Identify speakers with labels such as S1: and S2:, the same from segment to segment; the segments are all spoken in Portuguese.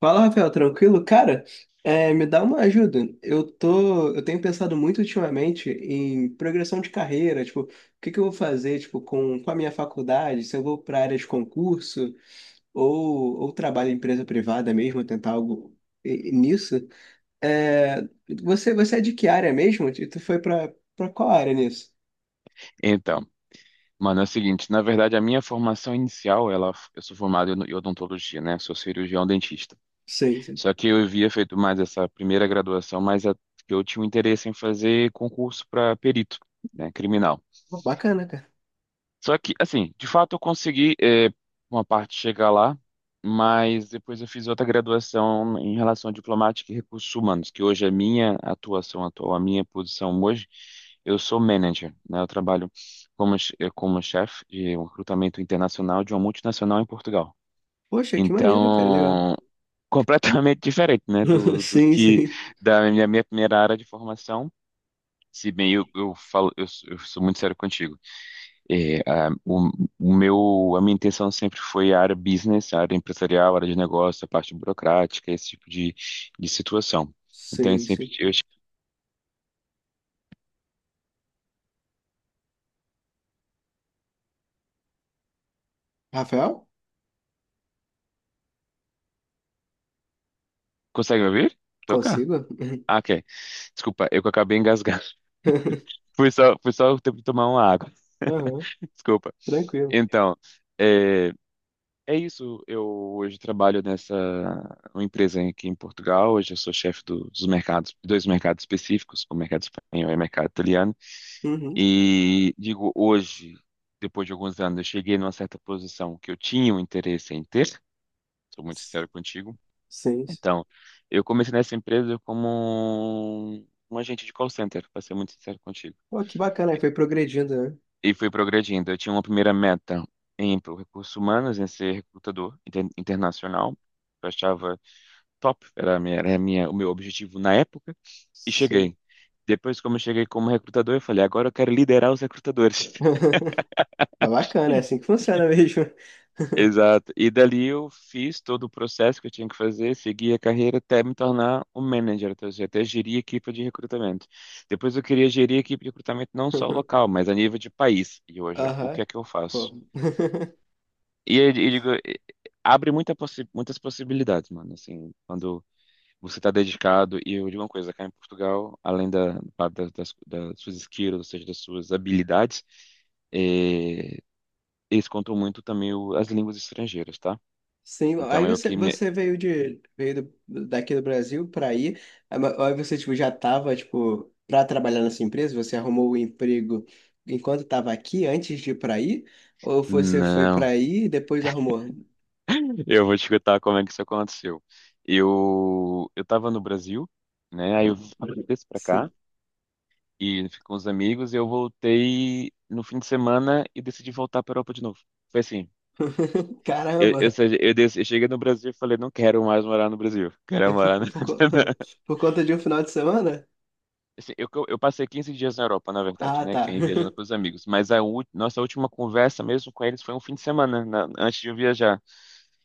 S1: Fala, Rafael, tranquilo? Cara, é, me dá uma ajuda. Eu tenho pensado muito ultimamente em progressão de carreira, tipo, o que que eu vou fazer, tipo, com a minha faculdade, se eu vou para área de concurso ou trabalho em empresa privada mesmo, tentar algo e nisso. É, você é de que área mesmo? E tu foi para qual área nisso?
S2: Então, mano, é o seguinte, na verdade a minha formação inicial, ela, eu sou formado em odontologia, né? Sou cirurgião dentista.
S1: Sei, sei.
S2: Só que eu havia feito mais essa primeira graduação, eu tinha um interesse em fazer concurso para perito, né? Criminal.
S1: Pô, bacana, cara.
S2: Só que, assim, de fato eu consegui uma parte chegar lá, mas depois eu fiz outra graduação em relação à diplomática e recursos humanos, que hoje é minha atuação atual, a minha posição hoje. Eu sou manager, né? Eu trabalho como chefe de um recrutamento internacional de uma multinacional em Portugal.
S1: Poxa, que maneiro, cara, legal.
S2: Então, completamente diferente, né? Do
S1: Sim,
S2: que
S1: sim.
S2: da minha primeira área de formação. Se bem eu falo, eu sou muito sério contigo. É, a, o meu, a minha intenção sempre foi a área business, a área empresarial, a área de negócio, a parte burocrática, esse tipo de situação. Então, eu
S1: Sim,
S2: sempre.
S1: sim. Rafael?
S2: Consegue me ouvir? Tô cá.
S1: Consigo?
S2: Ah, ok. Desculpa, eu que acabei engasgando. Foi só o tempo de tomar uma água.
S1: Aham.
S2: Desculpa.
S1: Tranquilo.
S2: Então, é, é isso. Eu hoje trabalho nessa uma empresa aqui em Portugal. Hoje eu sou chefe dos mercados, dois mercados específicos, o mercado espanhol e o mercado italiano.
S1: Uhum.
S2: E digo hoje, depois de alguns anos, eu cheguei numa certa posição que eu tinha um interesse em ter, sou muito sincero contigo.
S1: Sim, sim.
S2: Então, eu comecei nessa empresa como um agente de call center, para ser muito sincero contigo.
S1: Pô, que bacana, aí foi progredindo, né?
S2: E fui progredindo. Eu tinha uma primeira meta em recursos humanos, em ser recrutador internacional. Eu achava top, o meu objetivo na época. E
S1: Sim.
S2: cheguei. Depois, como eu cheguei como recrutador, eu falei, agora eu quero liderar os recrutadores.
S1: Mas bacana, é assim que funciona mesmo.
S2: Exato. E dali eu fiz todo o processo que eu tinha que fazer, segui a carreira até me tornar um manager, ou seja, até gerir equipe de recrutamento. Depois eu queria gerir equipe de recrutamento não só local, mas a nível de país. E hoje, o
S1: Aham,
S2: que é que eu faço?
S1: pô.
S2: E eu digo, abre muitas possibilidades, mano. Assim, quando você está dedicado, e eu digo uma coisa, cá em Portugal, além das suas skills, ou seja, das suas habilidades, eh, eles contam muito também as línguas estrangeiras, tá?
S1: Sim, aí
S2: Então,
S1: você, você veio daqui do Brasil para aí, aí você tipo já tava tipo para trabalhar nessa empresa, você arrumou o emprego enquanto estava aqui antes de ir para aí, ou você foi para
S2: não,
S1: aí e depois arrumou?
S2: eu vou te contar como é que isso aconteceu. Eu estava no Brasil, né? Aí eu desci para
S1: Sim.
S2: cá e fiquei com os amigos e eu voltei no fim de semana e decidi voltar para Europa de novo. Foi assim. Eu,
S1: Caramba.
S2: sei- eu, des- eu cheguei no Brasil e falei, não quero mais morar no Brasil.
S1: E
S2: Quero morar na...
S1: por conta de um final de semana?
S2: Assim, eu passei 15 dias na Europa, na verdade,
S1: Ah,
S2: né?
S1: tá.
S2: Quem viajando com os amigos. Mas nossa última conversa mesmo com eles foi um fim de semana, antes de eu viajar.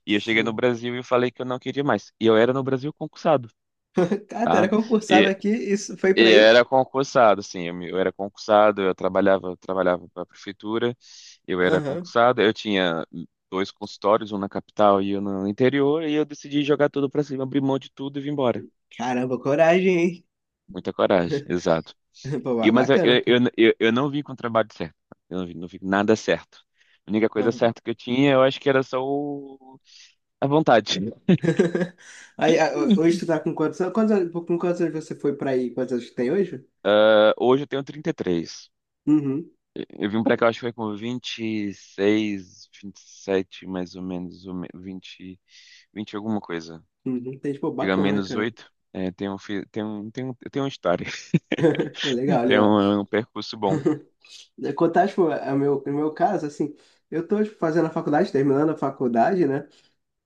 S2: E eu cheguei no
S1: Sim.
S2: Brasil e falei que eu não queria mais. E eu era no Brasil concursado,
S1: Cara, tu era
S2: tá?
S1: concursado
S2: E,
S1: aqui, isso foi pra
S2: e
S1: aí?
S2: era concursado, assim, eu era concursado, eu trabalhava para a prefeitura, eu era
S1: Aham.
S2: concursado, eu tinha dois consultórios, um na capital e um no interior, e eu decidi jogar tudo para cima, abrir mão de tudo e vim embora.
S1: Caramba, coragem, hein?
S2: Muita coragem, exato.
S1: Pô, ba-
S2: E, mas eu,
S1: bacana,
S2: eu,
S1: cara.
S2: eu, eu eu não vim com o trabalho certo, eu não vim com nada certo. A única coisa
S1: Aham.
S2: certa que eu tinha, eu acho que era só a vontade.
S1: Aí, ah, hoje tu tá com quantos anos? Com quantos anos você foi pra aí? Quantos anos que tem hoje?
S2: Ah, hoje eu tenho 33.
S1: Uhum.
S2: Eu vim pra cá, acho que foi com 26, sete mais ou menos, ou 20, 20 alguma coisa.
S1: Uhum. Entendi. Pô,
S2: Diga
S1: bacana,
S2: menos
S1: cara.
S2: 8. É, tem uma história,
S1: Legal,
S2: tem
S1: legal.
S2: um, um percurso bom.
S1: Contar, tipo, o meu caso, assim, eu tô, tipo, fazendo a faculdade, terminando a faculdade, né?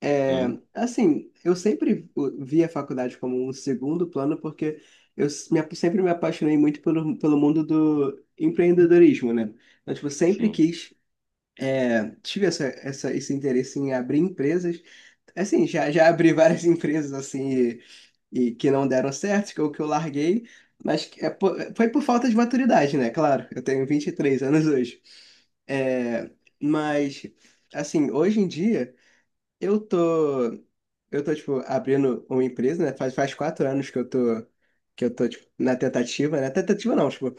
S1: É,
S2: Sim,
S1: assim, eu sempre vi a faculdade como um segundo plano, porque sempre me apaixonei muito pelo mundo do empreendedorismo, né? Então, tipo, sempre
S2: sim.
S1: quis, é, tive esse interesse em abrir empresas. Assim, já abri várias empresas, assim, e que não deram certo, que eu larguei, mas que foi por falta de maturidade, né? Claro, eu tenho 23 anos hoje. É, mas, assim, hoje em dia. Eu tô, eu tô, tipo, abrindo uma empresa, né? Faz 4 anos que eu tô, tipo, na tentativa, né? Tentativa não, tipo,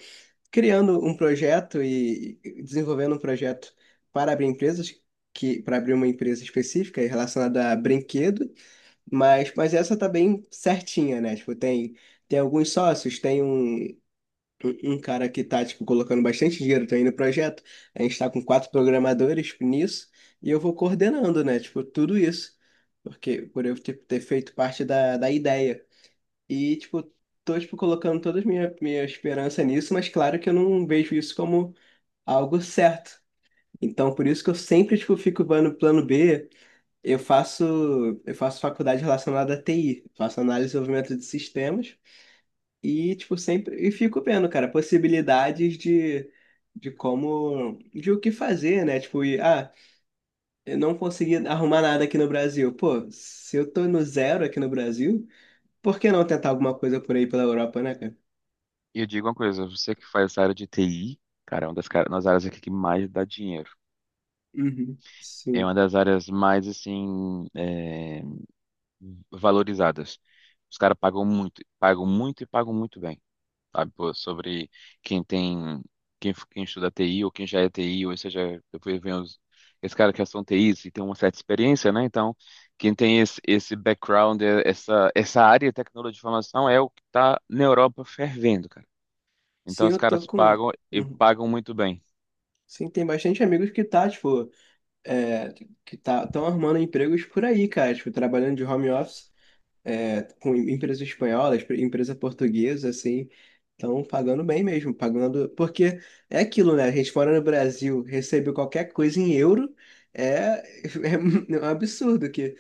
S1: criando um projeto e desenvolvendo um projeto para abrir empresas, que, para abrir uma empresa específica e relacionada a brinquedo, mas essa tá bem certinha, né? Tipo, tem alguns sócios, tem um cara que tá, tipo, colocando bastante dinheiro também no projeto. A gente tá com quatro programadores nisso e eu vou coordenando, né? Tipo, tudo isso. Porque por eu ter feito parte da ideia. E, tipo, tô, tipo, colocando toda a minha esperança nisso, mas claro que eu não vejo isso como algo certo. Então, por isso que eu sempre, tipo, fico no plano B. Eu faço, eu faço faculdade relacionada à TI, faço análise e desenvolvimento de sistemas. E, tipo, sempre. E fico vendo, cara, possibilidades de como. De o que fazer, né? Tipo, e, ah, eu não consegui arrumar nada aqui no Brasil. Pô, se eu tô no zero aqui no Brasil, por que não tentar alguma coisa por aí pela Europa, né, cara?
S2: E eu digo uma coisa, você que faz essa área de TI, cara, é uma das, das áreas aqui que mais dá dinheiro.
S1: Uhum.
S2: É
S1: Sim.
S2: uma das áreas mais, assim, valorizadas. Os caras pagam muito e pagam muito bem. Sabe, pô, sobre quem tem, quem estuda TI ou quem já é TI, ou seja, depois vem os, esse cara que são TIs e tem uma certa experiência, né? Então, quem tem esse background, essa área de tecnologia de informação é o que está na Europa fervendo, cara.
S1: Sim,
S2: Então, os
S1: eu tô
S2: caras
S1: com.
S2: pagam e
S1: Uhum.
S2: pagam muito bem.
S1: Sim, tem bastante amigos que tá, tipo, é, que tá, estão arrumando empregos por aí, cara, tipo, trabalhando de home office. É, com empresas espanholas, empresa portuguesa, assim, estão pagando bem mesmo, pagando. Porque é aquilo, né? A gente fora no Brasil, recebe qualquer coisa em euro, é, é um absurdo que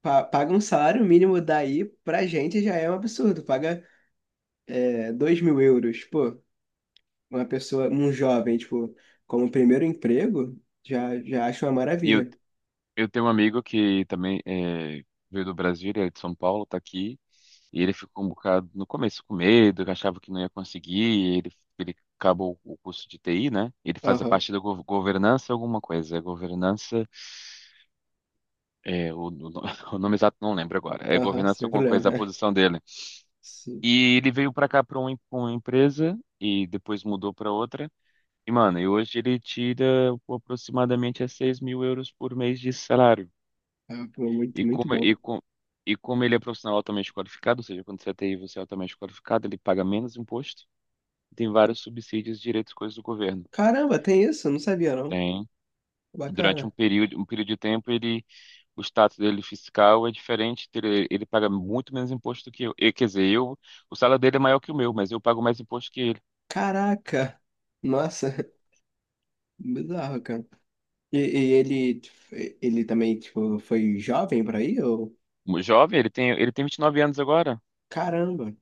S1: paga um salário mínimo daí pra gente já é um absurdo. Paga é, 2 mil euros, pô, uma pessoa, um jovem, tipo, como primeiro emprego, já acho uma
S2: E
S1: maravilha.
S2: eu tenho um amigo que também é, veio do Brasil, ele é de São Paulo, tá aqui, e ele ficou um bocado no começo com medo, que achava que não ia conseguir, e ele acabou o curso de TI, né? Ele faz a
S1: Aham,
S2: parte da governança alguma coisa, é governança, é, o, o- o nome exato não lembro agora, é
S1: aham,
S2: governança
S1: sem
S2: alguma coisa, a
S1: problema.
S2: posição dele.
S1: Sim,
S2: E ele veio pra cá pra uma empresa, e depois mudou pra outra, e mano, e hoje ele tira aproximadamente a 6 mil euros por mês de salário.
S1: é, pô, muito,
S2: E como,
S1: muito bom.
S2: e, com, e como ele é profissional altamente qualificado, ou seja, quando você é TI, você é altamente qualificado, ele paga menos imposto. Tem vários subsídios, direitos, coisas do governo.
S1: Caramba, tem isso? Eu não sabia, não.
S2: Tem, durante
S1: Bacana.
S2: um período de tempo, ele, o status dele fiscal é diferente, ele paga muito menos imposto do que eu. E, quer dizer, eu, o salário dele é maior que o meu, mas eu pago mais imposto que ele.
S1: Caraca! Nossa, bizarro, cara. E ele também, tipo, foi jovem por aí? Ou...
S2: O jovem, ele tem 29 anos agora.
S1: Caramba,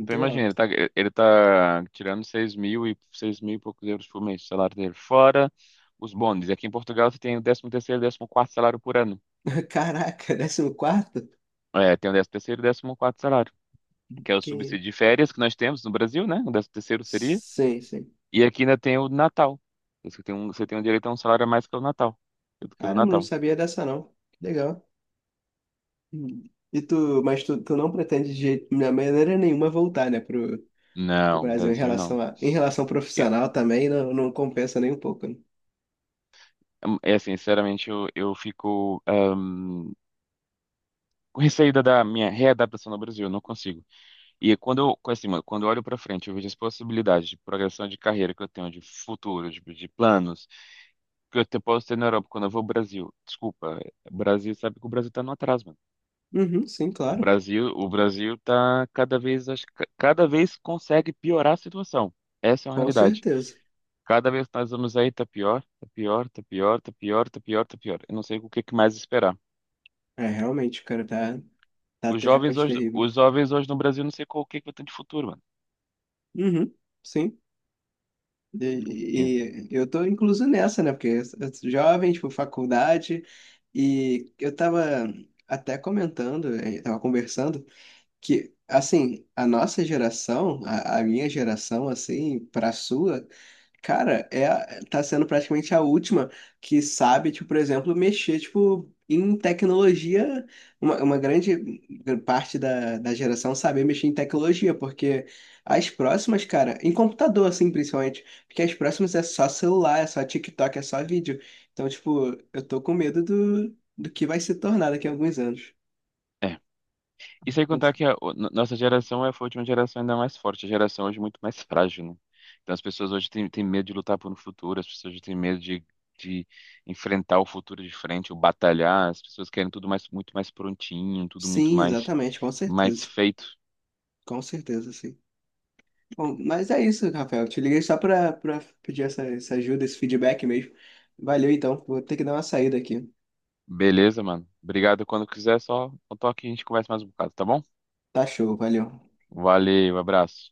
S2: Então
S1: legal.
S2: imagina, ele tá tirando 6 mil e 6 mil e poucos euros por mês, o salário dele. Fora os bônus. E aqui em Portugal você tem o 13º e 14º salário por ano.
S1: Caraca, décimo quarto?
S2: É, tem o 13º e décimo quarto salário, que é o
S1: Que...
S2: subsídio de férias que nós temos no Brasil, né? O 13º seria.
S1: Sim, sim.
S2: E aqui ainda tem o Natal. Você tem um direito a um salário a mais que o Natal, do que o do
S1: Caramba, não
S2: Natal.
S1: sabia dessa, não. Que legal. Hum. Mas tu não pretende de maneira nenhuma voltar, né, pro,
S2: Não,
S1: Brasil em
S2: Brasil não.
S1: relação em relação
S2: É,
S1: profissional também, não, não compensa nem um pouco, né?
S2: assim, sinceramente, eu fico com receio da minha readaptação no Brasil, eu não consigo. E quando assim, mano, quando eu olho para frente, eu vejo as possibilidades de progressão de carreira que eu tenho, de futuro, de planos, que posso ter na Europa quando eu vou ao Brasil. Desculpa, é, Brasil sabe que o Brasil tá no atraso, mano.
S1: Uhum, sim,
S2: O
S1: claro.
S2: Brasil, o Brasil tá cada vez, acho que cada vez consegue piorar a situação. Essa é uma
S1: Com
S2: realidade.
S1: certeza.
S2: Cada vez que nós vamos aí, tá pior, tá pior, tá pior, tá pior, tá pior, tá pior. Eu não sei o que que mais esperar.
S1: É, realmente, o cara tá. Da Terra é Parte Terrível.
S2: Os jovens hoje no Brasil, não sei qual o que que vai ter de futuro, mano.
S1: Uhum, sim. E,
S2: E-
S1: e- e eu tô incluso nessa, né? Porque eu sou jovem, tipo, faculdade, e eu tava até comentando, tava conversando, que, assim, a nossa geração, a minha geração, assim, pra sua, cara, é, tá sendo praticamente a última que sabe, tipo, por exemplo, mexer, tipo, em tecnologia. Uma grande parte da geração saber mexer em tecnologia, porque as próximas, cara, em computador, assim, principalmente, porque as próximas é só celular, é só TikTok, é só vídeo. Então, tipo, eu tô com medo do que vai se tornar daqui a alguns anos.
S2: É. E sem contar que a o- no- nossa geração foi a última geração ainda mais forte, a geração hoje é muito mais frágil, né? Então as pessoas hoje têm medo de lutar por um futuro, as pessoas hoje têm medo de enfrentar o futuro de frente, ou batalhar, as pessoas querem tudo mais, muito mais prontinho, tudo muito
S1: Sim,
S2: mais,
S1: exatamente, com
S2: mais
S1: certeza.
S2: feito.
S1: Com certeza, sim. Bom, mas é isso, Rafael. Te liguei só pra, pedir essa ajuda, esse feedback mesmo. Valeu, então. Vou ter que dar uma saída aqui.
S2: Beleza, mano? Obrigado. Quando quiser, só um toque e a gente conversa mais um bocado, tá bom?
S1: Tá show, valeu.
S2: Valeu, abraço.